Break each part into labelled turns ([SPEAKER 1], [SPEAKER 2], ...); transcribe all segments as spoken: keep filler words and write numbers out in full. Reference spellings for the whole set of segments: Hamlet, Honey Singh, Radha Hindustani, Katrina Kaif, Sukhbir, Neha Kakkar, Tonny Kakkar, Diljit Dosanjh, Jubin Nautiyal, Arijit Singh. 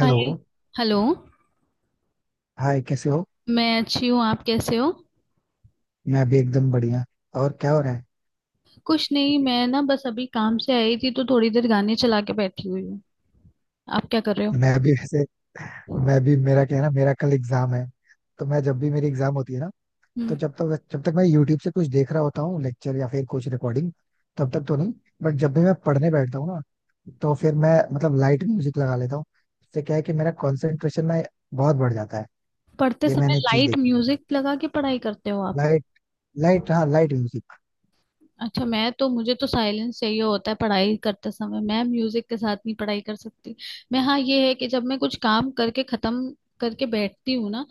[SPEAKER 1] Hello.
[SPEAKER 2] Hi. Hello.
[SPEAKER 1] Hi, कैसे हो?
[SPEAKER 2] मैं अच्छी हूँ, आप कैसे हो?
[SPEAKER 1] मैं भी एकदम बढ़िया। और क्या हो रहा है?
[SPEAKER 2] कुछ नहीं, मैं ना बस अभी काम से आई थी तो थोड़ी देर गाने चला के बैठी हुई हूँ। आप क्या कर रहे हो?
[SPEAKER 1] मैं भी वैसे मैं भी मेरा क्या है ना, मेरा कल एग्जाम है। तो मैं जब भी मेरी एग्जाम होती है ना, तो
[SPEAKER 2] हम्म।
[SPEAKER 1] जब तक जब तक मैं यूट्यूब से कुछ देख रहा होता हूँ, लेक्चर या फिर कुछ रिकॉर्डिंग, तब तक तो नहीं। बट जब भी मैं पढ़ने बैठता हूँ ना, तो फिर मैं मतलब लाइट म्यूजिक लगा लेता हूँ। इससे क्या है कि मेरा कॉन्सेंट्रेशन ना बहुत बढ़ जाता है।
[SPEAKER 2] पढ़ते
[SPEAKER 1] ये
[SPEAKER 2] समय
[SPEAKER 1] मैंने चीज
[SPEAKER 2] लाइट
[SPEAKER 1] देखी है।
[SPEAKER 2] म्यूजिक लगा के पढ़ाई करते हो आप?
[SPEAKER 1] लाइट लाइट, हाँ लाइट।
[SPEAKER 2] अच्छा, मैं तो मुझे तो साइलेंस चाहिए होता है पढ़ाई करते समय। मैं म्यूजिक के साथ नहीं पढ़ाई कर सकती। मैं हाँ ये है कि जब मैं कुछ काम करके खत्म करके बैठती हूँ ना,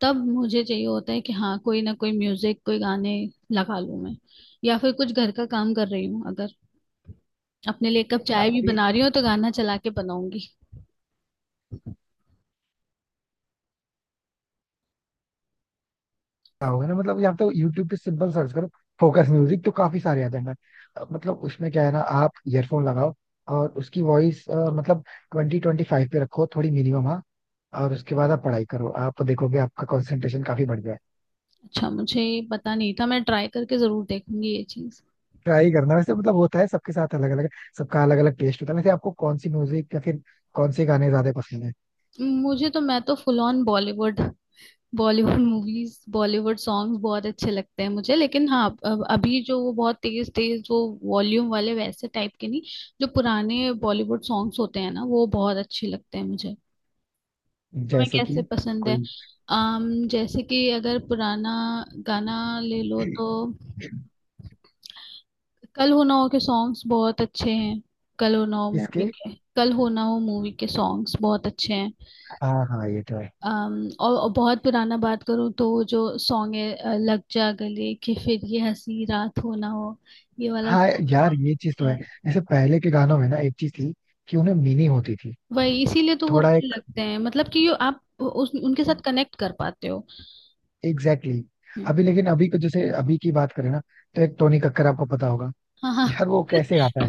[SPEAKER 2] तब मुझे चाहिए होता है कि हाँ कोई ना कोई म्यूजिक, कोई गाने लगा लूँ मैं। या फिर कुछ घर का काम कर रही हूँ अगर, अपने लिए एक कप चाय भी
[SPEAKER 1] म्यूजिक
[SPEAKER 2] बना रही हूँ तो गाना चला के बनाऊंगी।
[SPEAKER 1] क्या होगा ना, मतलब या तो यूट्यूब पे सिंपल सर्च करो, फोकस म्यूजिक तो काफी सारे आ जाएंगे। अ, मतलब उसमें क्या है ना, आप ईयरफोन लगाओ, और उसकी वॉइस मतलब ट्वेंटी ट्वेंटी फाइव पे रखो, थोड़ी मिनिमम, हाँ, और उसके बाद आप पढ़ाई करो, आप देखोगे आपका कंसंट्रेशन काफी बढ़ गया है।
[SPEAKER 2] अच्छा, मुझे ये पता नहीं था। मैं ट्राई करके जरूर देखूंगी ये चीज।
[SPEAKER 1] ट्राई करना, वैसे मतलब होता है सबके साथ अलग अलग, सबका अलग अलग टेस्ट होता है। वैसे आपको कौन सी म्यूजिक या फिर कौन से गाने ज्यादा पसंद है?
[SPEAKER 2] मुझे तो मैं तो full on Bollywood, Bollywood movies, Bollywood songs बहुत अच्छे लगते हैं मुझे। लेकिन हाँ, अब- अभी जो वो बहुत तेज तेज वो वॉल्यूम वाले, वैसे टाइप के नहीं। जो पुराने बॉलीवुड सॉन्ग्स होते हैं ना, वो बहुत अच्छे लगते हैं मुझे। तुम्हें
[SPEAKER 1] जैसे कि
[SPEAKER 2] कैसे पसंद है?
[SPEAKER 1] कोई।
[SPEAKER 2] अम जैसे कि अगर पुराना गाना ले लो तो, कल हो ना हो के सॉन्ग्स बहुत अच्छे हैं। कल हो ना हो मूवी
[SPEAKER 1] इसके,
[SPEAKER 2] के, कल हो ना हो मूवी के सॉन्ग्स बहुत अच्छे हैं।
[SPEAKER 1] हाँ हाँ, ये तो है।
[SPEAKER 2] अम, और, और बहुत पुराना बात करूँ तो वो जो सॉन्ग है अ, लग जा गले कि फिर ये हंसी रात हो ना हो, ये वाला
[SPEAKER 1] हाँ
[SPEAKER 2] song
[SPEAKER 1] यार
[SPEAKER 2] बहुत
[SPEAKER 1] ये चीज तो
[SPEAKER 2] अच्छा है।
[SPEAKER 1] है, जैसे पहले के गानों में ना एक चीज थी, कि उन्हें मीनिंग होती थी,
[SPEAKER 2] वही, इसीलिए तो वो
[SPEAKER 1] थोड़ा
[SPEAKER 2] अच्छे
[SPEAKER 1] एक,
[SPEAKER 2] लगते हैं। मतलब कि यो आप उस उनके साथ कनेक्ट कर पाते हो।
[SPEAKER 1] Exactly exactly.
[SPEAKER 2] हम्म।
[SPEAKER 1] अभी लेकिन अभी को जैसे अभी की बात करें ना, तो एक टोनी कक्कर आपको पता होगा,
[SPEAKER 2] हाँ, हाँ।
[SPEAKER 1] यार वो कैसे गाता है।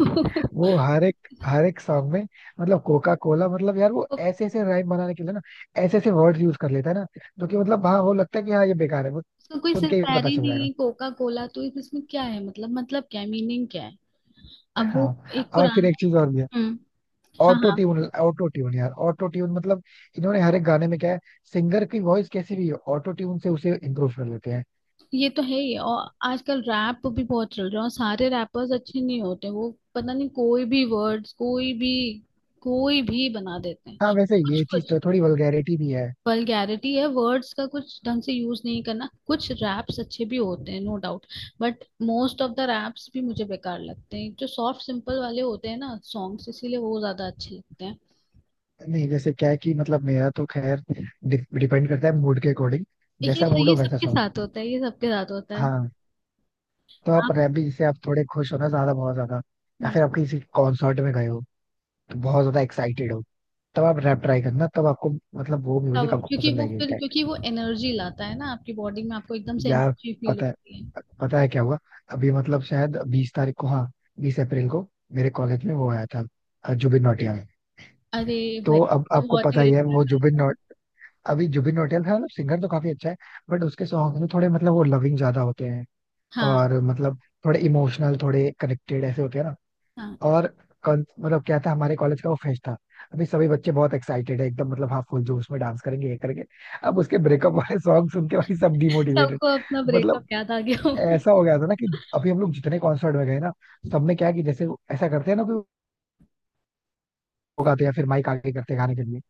[SPEAKER 1] वो हर एक हर एक सॉन्ग में, मतलब कोका कोला, मतलब यार वो ऐसे ऐसे राइम बनाने के लिए ना, ऐसे ऐसे वर्ड यूज कर लेता है ना, जो कि मतलब हाँ वो लगता है कि हाँ ये बेकार है, वो
[SPEAKER 2] उसका कोई
[SPEAKER 1] सुन
[SPEAKER 2] सिर
[SPEAKER 1] के ही
[SPEAKER 2] पैर
[SPEAKER 1] पता
[SPEAKER 2] ही
[SPEAKER 1] चल
[SPEAKER 2] नहीं
[SPEAKER 1] जाएगा।
[SPEAKER 2] है। कोका कोला, तो इसमें क्या है? मतलब मतलब क्या है, मीनिंग क्या है? अब वो
[SPEAKER 1] हाँ,
[SPEAKER 2] एक
[SPEAKER 1] और फिर एक
[SPEAKER 2] पुराना।
[SPEAKER 1] चीज और भी है,
[SPEAKER 2] हम्म। हाँ,
[SPEAKER 1] ऑटो
[SPEAKER 2] हाँ,
[SPEAKER 1] ट्यून। ऑटो ट्यून, यार ऑटो ट्यून मतलब इन्होंने हर एक गाने में क्या है, सिंगर की वॉइस कैसी भी हो, ऑटो ट्यून से उसे इम्प्रूव कर लेते हैं।
[SPEAKER 2] ये तो है ही। और आजकल रैप भी बहुत चल रहा है और सारे रैपर्स अच्छे नहीं होते। वो पता नहीं, कोई भी वर्ड्स कोई भी कोई भी बना देते हैं।
[SPEAKER 1] हाँ, वैसे
[SPEAKER 2] कुछ
[SPEAKER 1] ये चीज
[SPEAKER 2] कुछ
[SPEAKER 1] तो है, थोड़ी वल्गैरिटी भी है।
[SPEAKER 2] वल्गैरिटी है, वर्ड्स का कुछ ढंग से यूज नहीं करना। कुछ रैप्स अच्छे भी होते हैं, no doubt. But most of the raps भी मुझे बेकार लगते हैं। जो सॉफ्ट सिंपल वाले होते हैं ना सॉन्ग्स, इसीलिए वो ज्यादा अच्छे लगते हैं।
[SPEAKER 1] नहीं जैसे क्या है कि मतलब मेरा तो खैर डिपेंड करता है मूड के अकॉर्डिंग,
[SPEAKER 2] ये
[SPEAKER 1] जैसा मूड
[SPEAKER 2] ये
[SPEAKER 1] हो वैसा
[SPEAKER 2] सबके
[SPEAKER 1] सॉन्ग।
[SPEAKER 2] साथ होता है, ये सबके साथ होता है।
[SPEAKER 1] हाँ। तो आप
[SPEAKER 2] आप।
[SPEAKER 1] रैप भी, जैसे आप थोड़े खुश हो ना, ज्यादा बहुत ज्यादा, या
[SPEAKER 2] हम्म।
[SPEAKER 1] फिर आप किसी कॉन्सर्ट में गए हो तो बहुत ज्यादा एक्साइटेड हो, तब आप रैप ट्राई करना, तब आपको मतलब वो
[SPEAKER 2] तब,
[SPEAKER 1] म्यूजिक आपको
[SPEAKER 2] क्योंकि
[SPEAKER 1] पसंद
[SPEAKER 2] वो
[SPEAKER 1] आएगी इस
[SPEAKER 2] फिर
[SPEAKER 1] टाइम
[SPEAKER 2] क्योंकि वो एनर्जी लाता है ना आपकी बॉडी में, आपको एकदम से
[SPEAKER 1] पे यार।
[SPEAKER 2] एनर्जी फील
[SPEAKER 1] पता है
[SPEAKER 2] होती है।
[SPEAKER 1] पता है क्या हुआ? अभी मतलब शायद बीस तारीख को, हाँ, बीस अप्रैल को मेरे कॉलेज में वो आया था, अ, जुबिन नौटियाल।
[SPEAKER 2] अरे, भाई
[SPEAKER 1] तो अब
[SPEAKER 2] तो
[SPEAKER 1] आपको
[SPEAKER 2] बहुत
[SPEAKER 1] पता
[SPEAKER 2] ही
[SPEAKER 1] ही है
[SPEAKER 2] अच्छा
[SPEAKER 1] वो
[SPEAKER 2] था।
[SPEAKER 1] जुबिन नौ, अभी जुबिन नौटियाल था, मतलब सिंगर तो काफी अच्छा है। बट उसके सॉन्ग में थोड़े मतलब वो लविंग ज्यादा होते हैं,
[SPEAKER 2] हाँ,
[SPEAKER 1] और मतलब थोड़े इमोशनल थोड़े कनेक्टेड ऐसे होते हैं ना,
[SPEAKER 2] हाँ।
[SPEAKER 1] और कौन- मतलब क्या था, हमारे कॉलेज का वो फेस्ट था। अभी सभी बच्चे बहुत एक्साइटेड है एकदम, मतलब हाँ फुल जोश में डांस करेंगे ये करेंगे, अब उसके ब्रेकअप वाले सॉन्ग सुन के भाई सब डिमोटिवेटेड।
[SPEAKER 2] सबको अपना
[SPEAKER 1] मतलब
[SPEAKER 2] ब्रेकअप याद आ गया होगा।
[SPEAKER 1] ऐसा हो गया था ना कि अभी हम लोग जितने कॉन्सर्ट में गए ना, सब में क्या है कि जैसे वो ऐसा करते हैं ना कि वो गाते हैं फिर माइक आगे करते हैं गाने के लिए।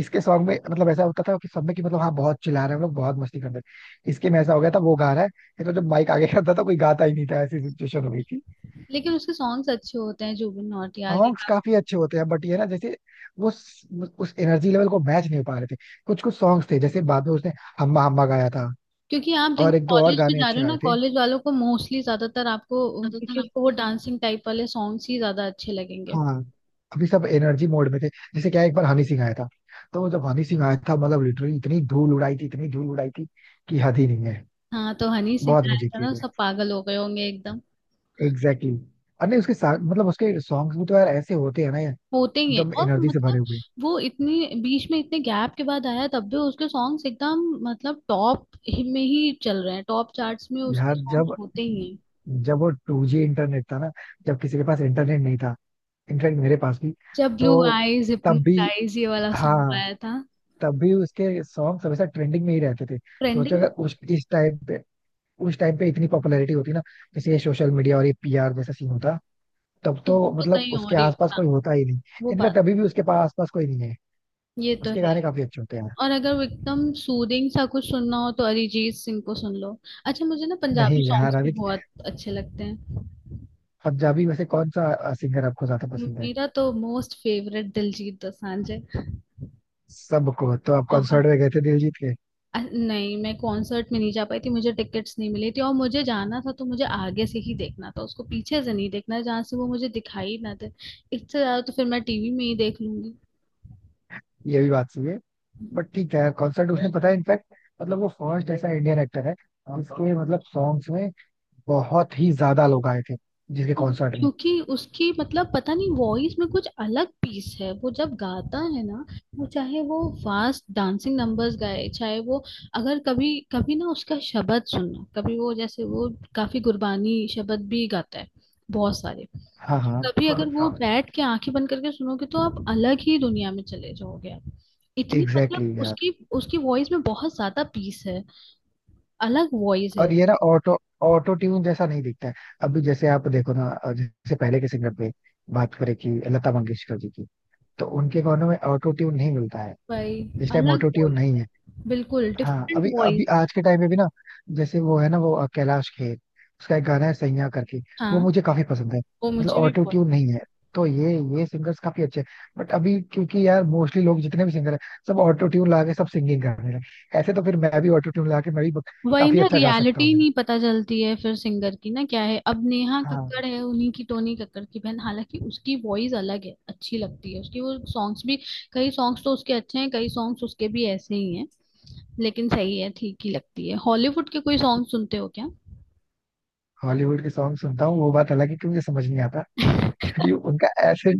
[SPEAKER 1] इसके सॉन्ग में मतलब ऐसा होता था कि सब में कि मतलब हाँ बहुत चिल्ला रहे हैं, हम लोग बहुत मस्ती कर रहे हैं, इसके में ऐसा हो गया था, वो गा रहा है ये तो, जब माइक आगे करता था कोई गाता ही नहीं था, ऐसी सिचुएशन हो गई थी।
[SPEAKER 2] लेकिन उसके सॉन्ग्स अच्छे होते हैं जुबिन नौटियाल के,
[SPEAKER 1] सॉन्ग्स
[SPEAKER 2] काफी।
[SPEAKER 1] काफी अच्छे होते हैं, बट ये ना, जैसे वो उस उस एनर्जी लेवल को मैच नहीं हो पा रहे थे। कुछ कुछ सॉन्ग्स थे, जैसे बाद में उसने हम्मा हम्मा गाया था,
[SPEAKER 2] क्योंकि आप देखो
[SPEAKER 1] और एक दो और
[SPEAKER 2] कॉलेज में
[SPEAKER 1] गाने
[SPEAKER 2] जा रहे
[SPEAKER 1] अच्छे
[SPEAKER 2] हो ना,
[SPEAKER 1] गाए थे,
[SPEAKER 2] कॉलेज वालों को मोस्टली, ज्यादातर आपको,
[SPEAKER 1] ज्यादातर
[SPEAKER 2] क्योंकि उनको वो
[SPEAKER 1] आपको।
[SPEAKER 2] डांसिंग टाइप वाले सॉन्ग्स ही ज्यादा अच्छे लगेंगे।
[SPEAKER 1] हाँ, अभी सब एनर्जी मोड में थे। जैसे क्या है, एक बार हनी सिंह आया था, तो जब हनी सिंह आया था मतलब लिटरली इतनी धूल उड़ाई थी, इतनी धूल उड़ाई थी कि हद ही नहीं है।
[SPEAKER 2] हाँ तो हनी सिंह
[SPEAKER 1] बहुत
[SPEAKER 2] आया
[SPEAKER 1] मजे
[SPEAKER 2] था ना,
[SPEAKER 1] किए।
[SPEAKER 2] सब पागल हो गए होंगे एकदम।
[SPEAKER 1] Exactly exactly. अरे उसके साथ मतलब उसके सॉन्ग्स भी तो यार ऐसे होते हैं ना यार,
[SPEAKER 2] होते ही हैं।
[SPEAKER 1] एकदम
[SPEAKER 2] और
[SPEAKER 1] एनर्जी से भरे
[SPEAKER 2] मतलब
[SPEAKER 1] हुए
[SPEAKER 2] वो इतने, बीच में इतने गैप के बाद आया तब भी उसके सॉन्ग्स एकदम, मतलब टॉप में ही चल रहे हैं। टॉप चार्ट्स में
[SPEAKER 1] यार।
[SPEAKER 2] उसके सॉन्ग्स
[SPEAKER 1] जब
[SPEAKER 2] होते ही हैं।
[SPEAKER 1] जब वो टू जी इंटरनेट था ना, जब किसी के पास इंटरनेट नहीं था, इनफैक्ट मेरे पास भी,
[SPEAKER 2] जब
[SPEAKER 1] तो
[SPEAKER 2] ब्लू आईज
[SPEAKER 1] तब भी,
[SPEAKER 2] हिप्नोटाइज ये वाला सॉन्ग
[SPEAKER 1] हाँ
[SPEAKER 2] आया था।
[SPEAKER 1] तब भी उसके सॉन्ग हमेशा ट्रेंडिंग में ही रहते थे। सोचो
[SPEAKER 2] ट्रेंडिंग।
[SPEAKER 1] अगर उस इस टाइम पे, उस टाइम पे इतनी पॉपुलैरिटी होती ना, जैसे ये सोशल मीडिया और ये पी आर जैसा सीन होता, तब
[SPEAKER 2] तो,
[SPEAKER 1] तो
[SPEAKER 2] तो
[SPEAKER 1] मतलब
[SPEAKER 2] कहीं
[SPEAKER 1] उसके
[SPEAKER 2] और ही
[SPEAKER 1] आसपास
[SPEAKER 2] होता
[SPEAKER 1] कोई होता ही नहीं।
[SPEAKER 2] वो बात।
[SPEAKER 1] इनफैक्ट अभी भी उसके पास आसपास कोई नहीं है।
[SPEAKER 2] ये तो
[SPEAKER 1] उसके
[SPEAKER 2] है।
[SPEAKER 1] गाने काफी अच्छे होते हैं यार।
[SPEAKER 2] और अगर वो एकदम सूदिंग सा कुछ सुनना हो तो अरिजीत सिंह को सुन लो। अच्छा, मुझे ना
[SPEAKER 1] नहीं
[SPEAKER 2] पंजाबी
[SPEAKER 1] यार
[SPEAKER 2] सॉन्ग्स भी
[SPEAKER 1] अभी,
[SPEAKER 2] बहुत अच्छे लगते हैं।
[SPEAKER 1] पंजाबी में से कौन सा सिंगर आपको ज्यादा पसंद है?
[SPEAKER 2] मेरा तो मोस्ट फेवरेट दिलजीत दोसांझ है।
[SPEAKER 1] सबको, तो आप
[SPEAKER 2] बहुत।
[SPEAKER 1] कॉन्सर्ट में गए थे दिलजीत के?
[SPEAKER 2] अ, नहीं, मैं कॉन्सर्ट में नहीं जा पाई थी। मुझे टिकट्स नहीं मिली थी और मुझे जाना था तो मुझे आगे से ही देखना था उसको। पीछे से नहीं देखना जहां से वो मुझे दिखाई ना दे। इससे ज्यादा तो फिर मैं टीवी में ही देख लूंगी।
[SPEAKER 1] ये भी बात सही है, बट ठीक है। कॉन्सर्ट उसने, पता है इनफैक्ट, मतलब वो फर्स्ट ऐसा इंडियन एक्टर है जिसके मतलब सॉन्ग्स में बहुत ही ज्यादा लोग आए थे, जिसके
[SPEAKER 2] तो
[SPEAKER 1] कॉन्सर्ट में।
[SPEAKER 2] क्योंकि उसकी, मतलब पता नहीं, वॉइस में कुछ अलग पीस है। वो जब गाता है ना, वो चाहे वो फास्ट डांसिंग नंबर्स गाए, चाहे वो, अगर कभी कभी ना उसका शब्द सुनना। कभी वो, जैसे वो काफी गुरबानी शब्द भी गाता है, बहुत सारे।
[SPEAKER 1] हाँ हाँ,
[SPEAKER 2] कभी अगर वो बैठ के आंखें बंद करके सुनोगे तो आप अलग ही दुनिया में चले जाओगे आप। इतनी मतलब
[SPEAKER 1] एग्जैक्टली exactly यार।
[SPEAKER 2] उसकी, उसकी वॉइस में बहुत ज्यादा पीस है। अलग वॉइस है।
[SPEAKER 1] और ये ना ऑटो ऑटो ट्यून जैसा नहीं दिखता है। अभी जैसे आप देखो ना, जैसे पहले के सिंगर पे बात करें, कि लता मंगेशकर जी की, तो उनके गानों में ऑटो ट्यून नहीं मिलता है,
[SPEAKER 2] भाई,
[SPEAKER 1] इस टाइम
[SPEAKER 2] अलग
[SPEAKER 1] ऑटो ट्यून
[SPEAKER 2] वॉइस
[SPEAKER 1] नहीं
[SPEAKER 2] है,
[SPEAKER 1] है।
[SPEAKER 2] बिल्कुल
[SPEAKER 1] हाँ,
[SPEAKER 2] डिफरेंट
[SPEAKER 1] अभी अभी
[SPEAKER 2] वॉइस है।
[SPEAKER 1] आज के टाइम में भी ना, जैसे वो है ना, वो अ, कैलाश खेर, उसका एक गाना है सैया करके,
[SPEAKER 2] हाँ।
[SPEAKER 1] वो मुझे काफी पसंद है,
[SPEAKER 2] वो
[SPEAKER 1] मतलब
[SPEAKER 2] मुझे भी
[SPEAKER 1] ऑटो
[SPEAKER 2] बहुत।
[SPEAKER 1] ट्यून नहीं है। तो ये ये सिंगर्स काफी अच्छे हैं। बट अभी क्योंकि यार मोस्टली लोग जितने भी सिंगर हैं सब ऑटो ट्यून ला के सब सिंगिंग करने लगे, ऐसे तो फिर मैं भी ऑटो ट्यून ला के मैं भी ब-
[SPEAKER 2] वही
[SPEAKER 1] काफी
[SPEAKER 2] ना,
[SPEAKER 1] अच्छा गा सकता
[SPEAKER 2] रियलिटी
[SPEAKER 1] हूँ।
[SPEAKER 2] नहीं पता चलती है फिर सिंगर की। ना क्या है अब, नेहा
[SPEAKER 1] हाँ।
[SPEAKER 2] कक्कड़ है उन्हीं की, टोनी कक्कड़ की बहन। हालांकि उसकी वॉइस अलग है, अच्छी लगती है उसकी वो सॉन्ग्स भी। कई सॉन्ग्स तो उसके अच्छे हैं, कई सॉन्ग्स उसके भी ऐसे ही हैं। लेकिन सही है, ठीक ही लगती है। हॉलीवुड के कोई सॉन्ग सुनते हो क्या?
[SPEAKER 1] हॉलीवुड के सॉन्ग सुनता हूँ, वो बात अलग है कि मुझे समझ नहीं आता, क्योंकि उनका ऐसे,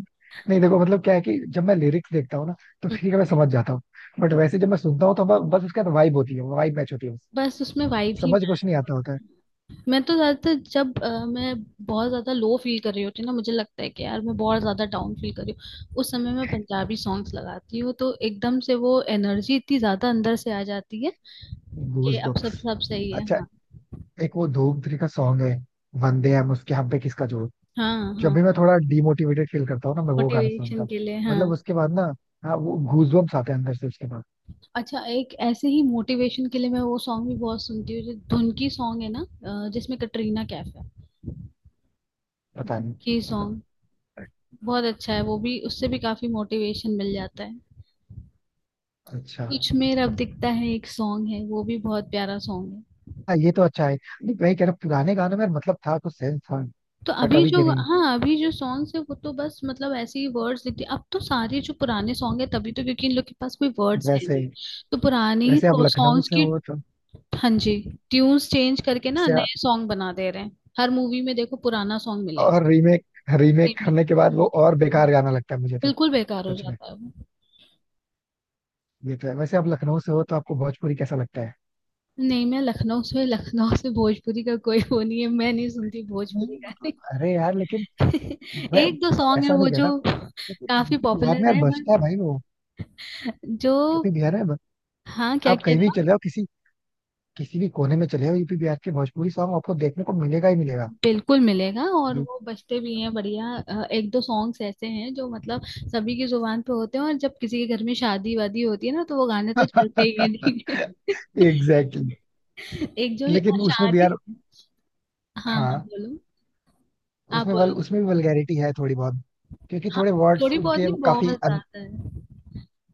[SPEAKER 1] नहीं देखो मतलब क्या है कि जब मैं लिरिक्स देखता हूँ ना, तो
[SPEAKER 2] हम्म।
[SPEAKER 1] ठीक है मैं समझ जाता हूँ। बट वैसे जब मैं सुनता हूँ, तो ब- बस उसके साथ वाइब होती है, वाइब मैच होती है बस।
[SPEAKER 2] बस उसमें वाइब ही।
[SPEAKER 1] समझ कुछ नहीं आता, होता है
[SPEAKER 2] मैं तो ज्यादातर जब अ, मैं बहुत ज्यादा लो फील कर रही होती हूँ ना, मुझे लगता है कि यार मैं बहुत ज्यादा डाउन फील कर रही हूँ, उस समय मैं पंजाबी सॉन्ग्स लगाती हूँ तो एकदम से वो एनर्जी इतनी ज्यादा अंदर से आ जाती है कि
[SPEAKER 1] गूज
[SPEAKER 2] अब सब
[SPEAKER 1] बम्प्स।
[SPEAKER 2] सब सही है।
[SPEAKER 1] अच्छा,
[SPEAKER 2] हाँ।
[SPEAKER 1] एक वो धूम थ्री का सॉन्ग है, वंदे हम उसके हम पे किसका जोर।
[SPEAKER 2] हाँ,
[SPEAKER 1] जब
[SPEAKER 2] हाँ।
[SPEAKER 1] भी मैं थोड़ा डिमोटिवेटेड फील करता हूँ ना, मैं वो गाना सुनता
[SPEAKER 2] मोटिवेशन
[SPEAKER 1] हूँ।
[SPEAKER 2] के लिए, हाँ।
[SPEAKER 1] मतलब उसके बाद ना, हाँ वो गूज बम्प्स आते हैं अंदर से उसके बाद।
[SPEAKER 2] अच्छा, एक ऐसे ही मोटिवेशन के लिए मैं वो सॉन्ग भी बहुत सुनती हूँ, जो धुन की सॉन्ग है ना, अ, जिसमें कटरीना कैफ है।
[SPEAKER 1] पता
[SPEAKER 2] धुन
[SPEAKER 1] नहीं।
[SPEAKER 2] की सॉन्ग, बहुत अच्छा है वो भी। उससे भी काफी मोटिवेशन मिल जाता है।
[SPEAKER 1] अच्छा।
[SPEAKER 2] कुछ में अब दिखता है, एक सॉन्ग है, वो भी बहुत प्यारा सॉन्ग है।
[SPEAKER 1] हाँ, ये तो अच्छा है। नहीं, वही कह रहा हूँ, पुराने गानों में मतलब था, कुछ सेंस था,
[SPEAKER 2] तो
[SPEAKER 1] बट
[SPEAKER 2] अभी
[SPEAKER 1] अभी
[SPEAKER 2] जो,
[SPEAKER 1] के नहीं।
[SPEAKER 2] हाँ अभी जो सॉन्ग्स है वो तो बस मतलब ऐसे ही वर्ड्स दिखते हैं। अब तो सारे जो पुराने सॉन्ग है तभी तो, क्योंकि इन लोग के पास कोई वर्ड्स है
[SPEAKER 1] वैसे
[SPEAKER 2] नहीं, तो पुराने ही
[SPEAKER 1] वैसे अब लखनऊ
[SPEAKER 2] सॉन्ग्स
[SPEAKER 1] से
[SPEAKER 2] की।
[SPEAKER 1] हो तो,
[SPEAKER 2] हाँ जी। ट्यून्स चेंज करके ना
[SPEAKER 1] वैसे आ-
[SPEAKER 2] नए सॉन्ग बना दे रहे हैं। हर मूवी में देखो पुराना सॉन्ग मिलेगा।
[SPEAKER 1] और रीमेक रीमेक करने के बाद वो
[SPEAKER 2] हम्म।
[SPEAKER 1] और बेकार गाना लगता है मुझे तो।
[SPEAKER 2] बिल्कुल बेकार हो
[SPEAKER 1] सच में।
[SPEAKER 2] जाता है वो।
[SPEAKER 1] ये तो है। वैसे आप लखनऊ से हो तो आपको भोजपुरी कैसा लगता है?
[SPEAKER 2] नहीं, मैं लखनऊ से, लखनऊ से भोजपुरी का कोई वो नहीं है। मैं नहीं सुनती भोजपुरी
[SPEAKER 1] नहीं
[SPEAKER 2] का।
[SPEAKER 1] मतलब अरे यार लेकिन, मैं
[SPEAKER 2] एक दो
[SPEAKER 1] मतलब
[SPEAKER 2] सॉन्ग है
[SPEAKER 1] ऐसा
[SPEAKER 2] वो
[SPEAKER 1] नहीं
[SPEAKER 2] जो
[SPEAKER 1] कहता, लेकिन
[SPEAKER 2] काफी
[SPEAKER 1] यू पी बिहार में
[SPEAKER 2] पॉपुलर
[SPEAKER 1] यार
[SPEAKER 2] है,
[SPEAKER 1] बजता है
[SPEAKER 2] बट।
[SPEAKER 1] भाई वो,
[SPEAKER 2] जो,
[SPEAKER 1] यूपी बिहार में ब-
[SPEAKER 2] हाँ क्या
[SPEAKER 1] आप
[SPEAKER 2] कह
[SPEAKER 1] कहीं भी चले
[SPEAKER 2] रहा।
[SPEAKER 1] जाओ, किसी किसी भी कोने में चले जाओ, यूपी बिहार के भोजपुरी सॉन्ग आपको देखने को मिलेगा ही मिलेगा।
[SPEAKER 2] बिल्कुल मिलेगा और वो बजते भी हैं बढ़िया। अ, एक दो सॉन्ग्स ऐसे हैं जो मतलब सभी की जुबान पे होते हैं। और जब किसी के घर में शादी वादी होती है ना तो वो गाने तो चलते ही हैं, ठीक है।
[SPEAKER 1] Exactly exactly.
[SPEAKER 2] एक जो
[SPEAKER 1] लेकिन उसमें भी
[SPEAKER 2] शादी।
[SPEAKER 1] यार,
[SPEAKER 2] हाँ हाँ
[SPEAKER 1] हाँ
[SPEAKER 2] बोलो। आप
[SPEAKER 1] उसमें वल
[SPEAKER 2] बोलो।
[SPEAKER 1] उसमें भी वल्गैरिटी है थोड़ी बहुत, क्योंकि
[SPEAKER 2] हाँ।
[SPEAKER 1] थोड़े वर्ड्स
[SPEAKER 2] थोड़ी बहुत
[SPEAKER 1] उनके
[SPEAKER 2] नहीं,
[SPEAKER 1] काफी,
[SPEAKER 2] बहुत आता है।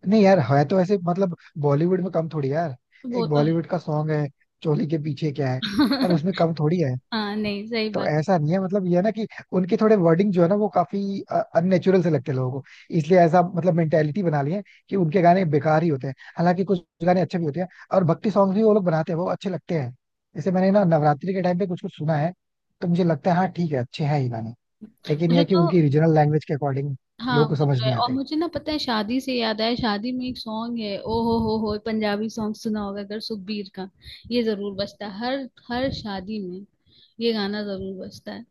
[SPEAKER 1] नहीं यार है तो ऐसे मतलब, बॉलीवुड में कम थोड़ी है यार,
[SPEAKER 2] वो
[SPEAKER 1] एक
[SPEAKER 2] तो है।
[SPEAKER 1] बॉलीवुड का सॉन्ग है चोली के पीछे क्या है, यार उसमें कम थोड़ी है।
[SPEAKER 2] हाँ नहीं, सही
[SPEAKER 1] तो
[SPEAKER 2] बात।
[SPEAKER 1] ऐसा नहीं है मतलब ये है ना कि उनके थोड़े वर्डिंग जो है ना वो काफी अननेचुरल से लगते हैं लोगों को, इसलिए ऐसा मतलब मेंटेलिटी बना ली है कि उनके गाने बेकार ही होते हैं, हालांकि कुछ गाने अच्छे भी होते हैं, और भक्ति सॉन्ग भी वो लोग बनाते हैं वो अच्छे लगते हैं। जैसे मैंने ना नवरात्रि के टाइम पे कुछ कुछ सुना है, तो मुझे लगता है हाँ ठीक है, अच्छे हैं ये गाने। लेकिन यह
[SPEAKER 2] मुझे
[SPEAKER 1] है कि
[SPEAKER 2] तो,
[SPEAKER 1] उनकी रीजनल लैंग्वेज के अकॉर्डिंग
[SPEAKER 2] हाँ
[SPEAKER 1] लोगों को समझ
[SPEAKER 2] होता है।
[SPEAKER 1] नहीं
[SPEAKER 2] और
[SPEAKER 1] आते।
[SPEAKER 2] मुझे ना, पता है, शादी से याद आया, शादी में एक सॉन्ग है ओ हो हो हो पंजाबी सॉन्ग सुना होगा अगर, सुखबीर का। ये जरूर बजता है हर, हर शादी में। ये गाना जरूर बजता है,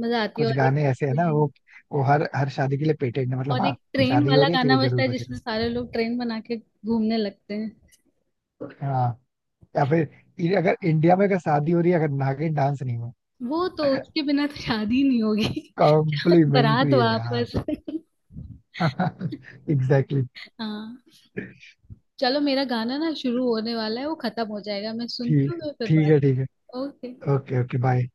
[SPEAKER 2] मजा आती है।
[SPEAKER 1] कुछ
[SPEAKER 2] और एक
[SPEAKER 1] गाने ऐसे है ना,
[SPEAKER 2] ट्रेन
[SPEAKER 1] वो वो हर हर शादी के लिए पेटेंट है, मतलब
[SPEAKER 2] और
[SPEAKER 1] हाँ।
[SPEAKER 2] एक ट्रेन
[SPEAKER 1] शादी हो
[SPEAKER 2] वाला
[SPEAKER 1] रही है तो
[SPEAKER 2] गाना
[SPEAKER 1] ये
[SPEAKER 2] बजता
[SPEAKER 1] जरूर
[SPEAKER 2] है
[SPEAKER 1] बजेगा।
[SPEAKER 2] जिसमें सारे लोग ट्रेन बना के घूमने लगते हैं।
[SPEAKER 1] हाँ, या फिर ये, अगर इंडिया में अगर शादी हो रही है अगर नागिन डांस नहीं हो,
[SPEAKER 2] वो तो उसके बिना तो शादी नहीं होगी। बारात
[SPEAKER 1] कॉम्प्लीमेंट्री है यार।
[SPEAKER 2] वापस।
[SPEAKER 1] Exactly exactly.
[SPEAKER 2] हाँ। चलो, मेरा गाना ना शुरू होने वाला है, वो खत्म हो जाएगा, मैं सुनती
[SPEAKER 1] ठीक
[SPEAKER 2] हूँ। मैं फिर
[SPEAKER 1] ठीक
[SPEAKER 2] बात।
[SPEAKER 1] है, ठीक है।
[SPEAKER 2] ओके।
[SPEAKER 1] ओके। Okay, bye.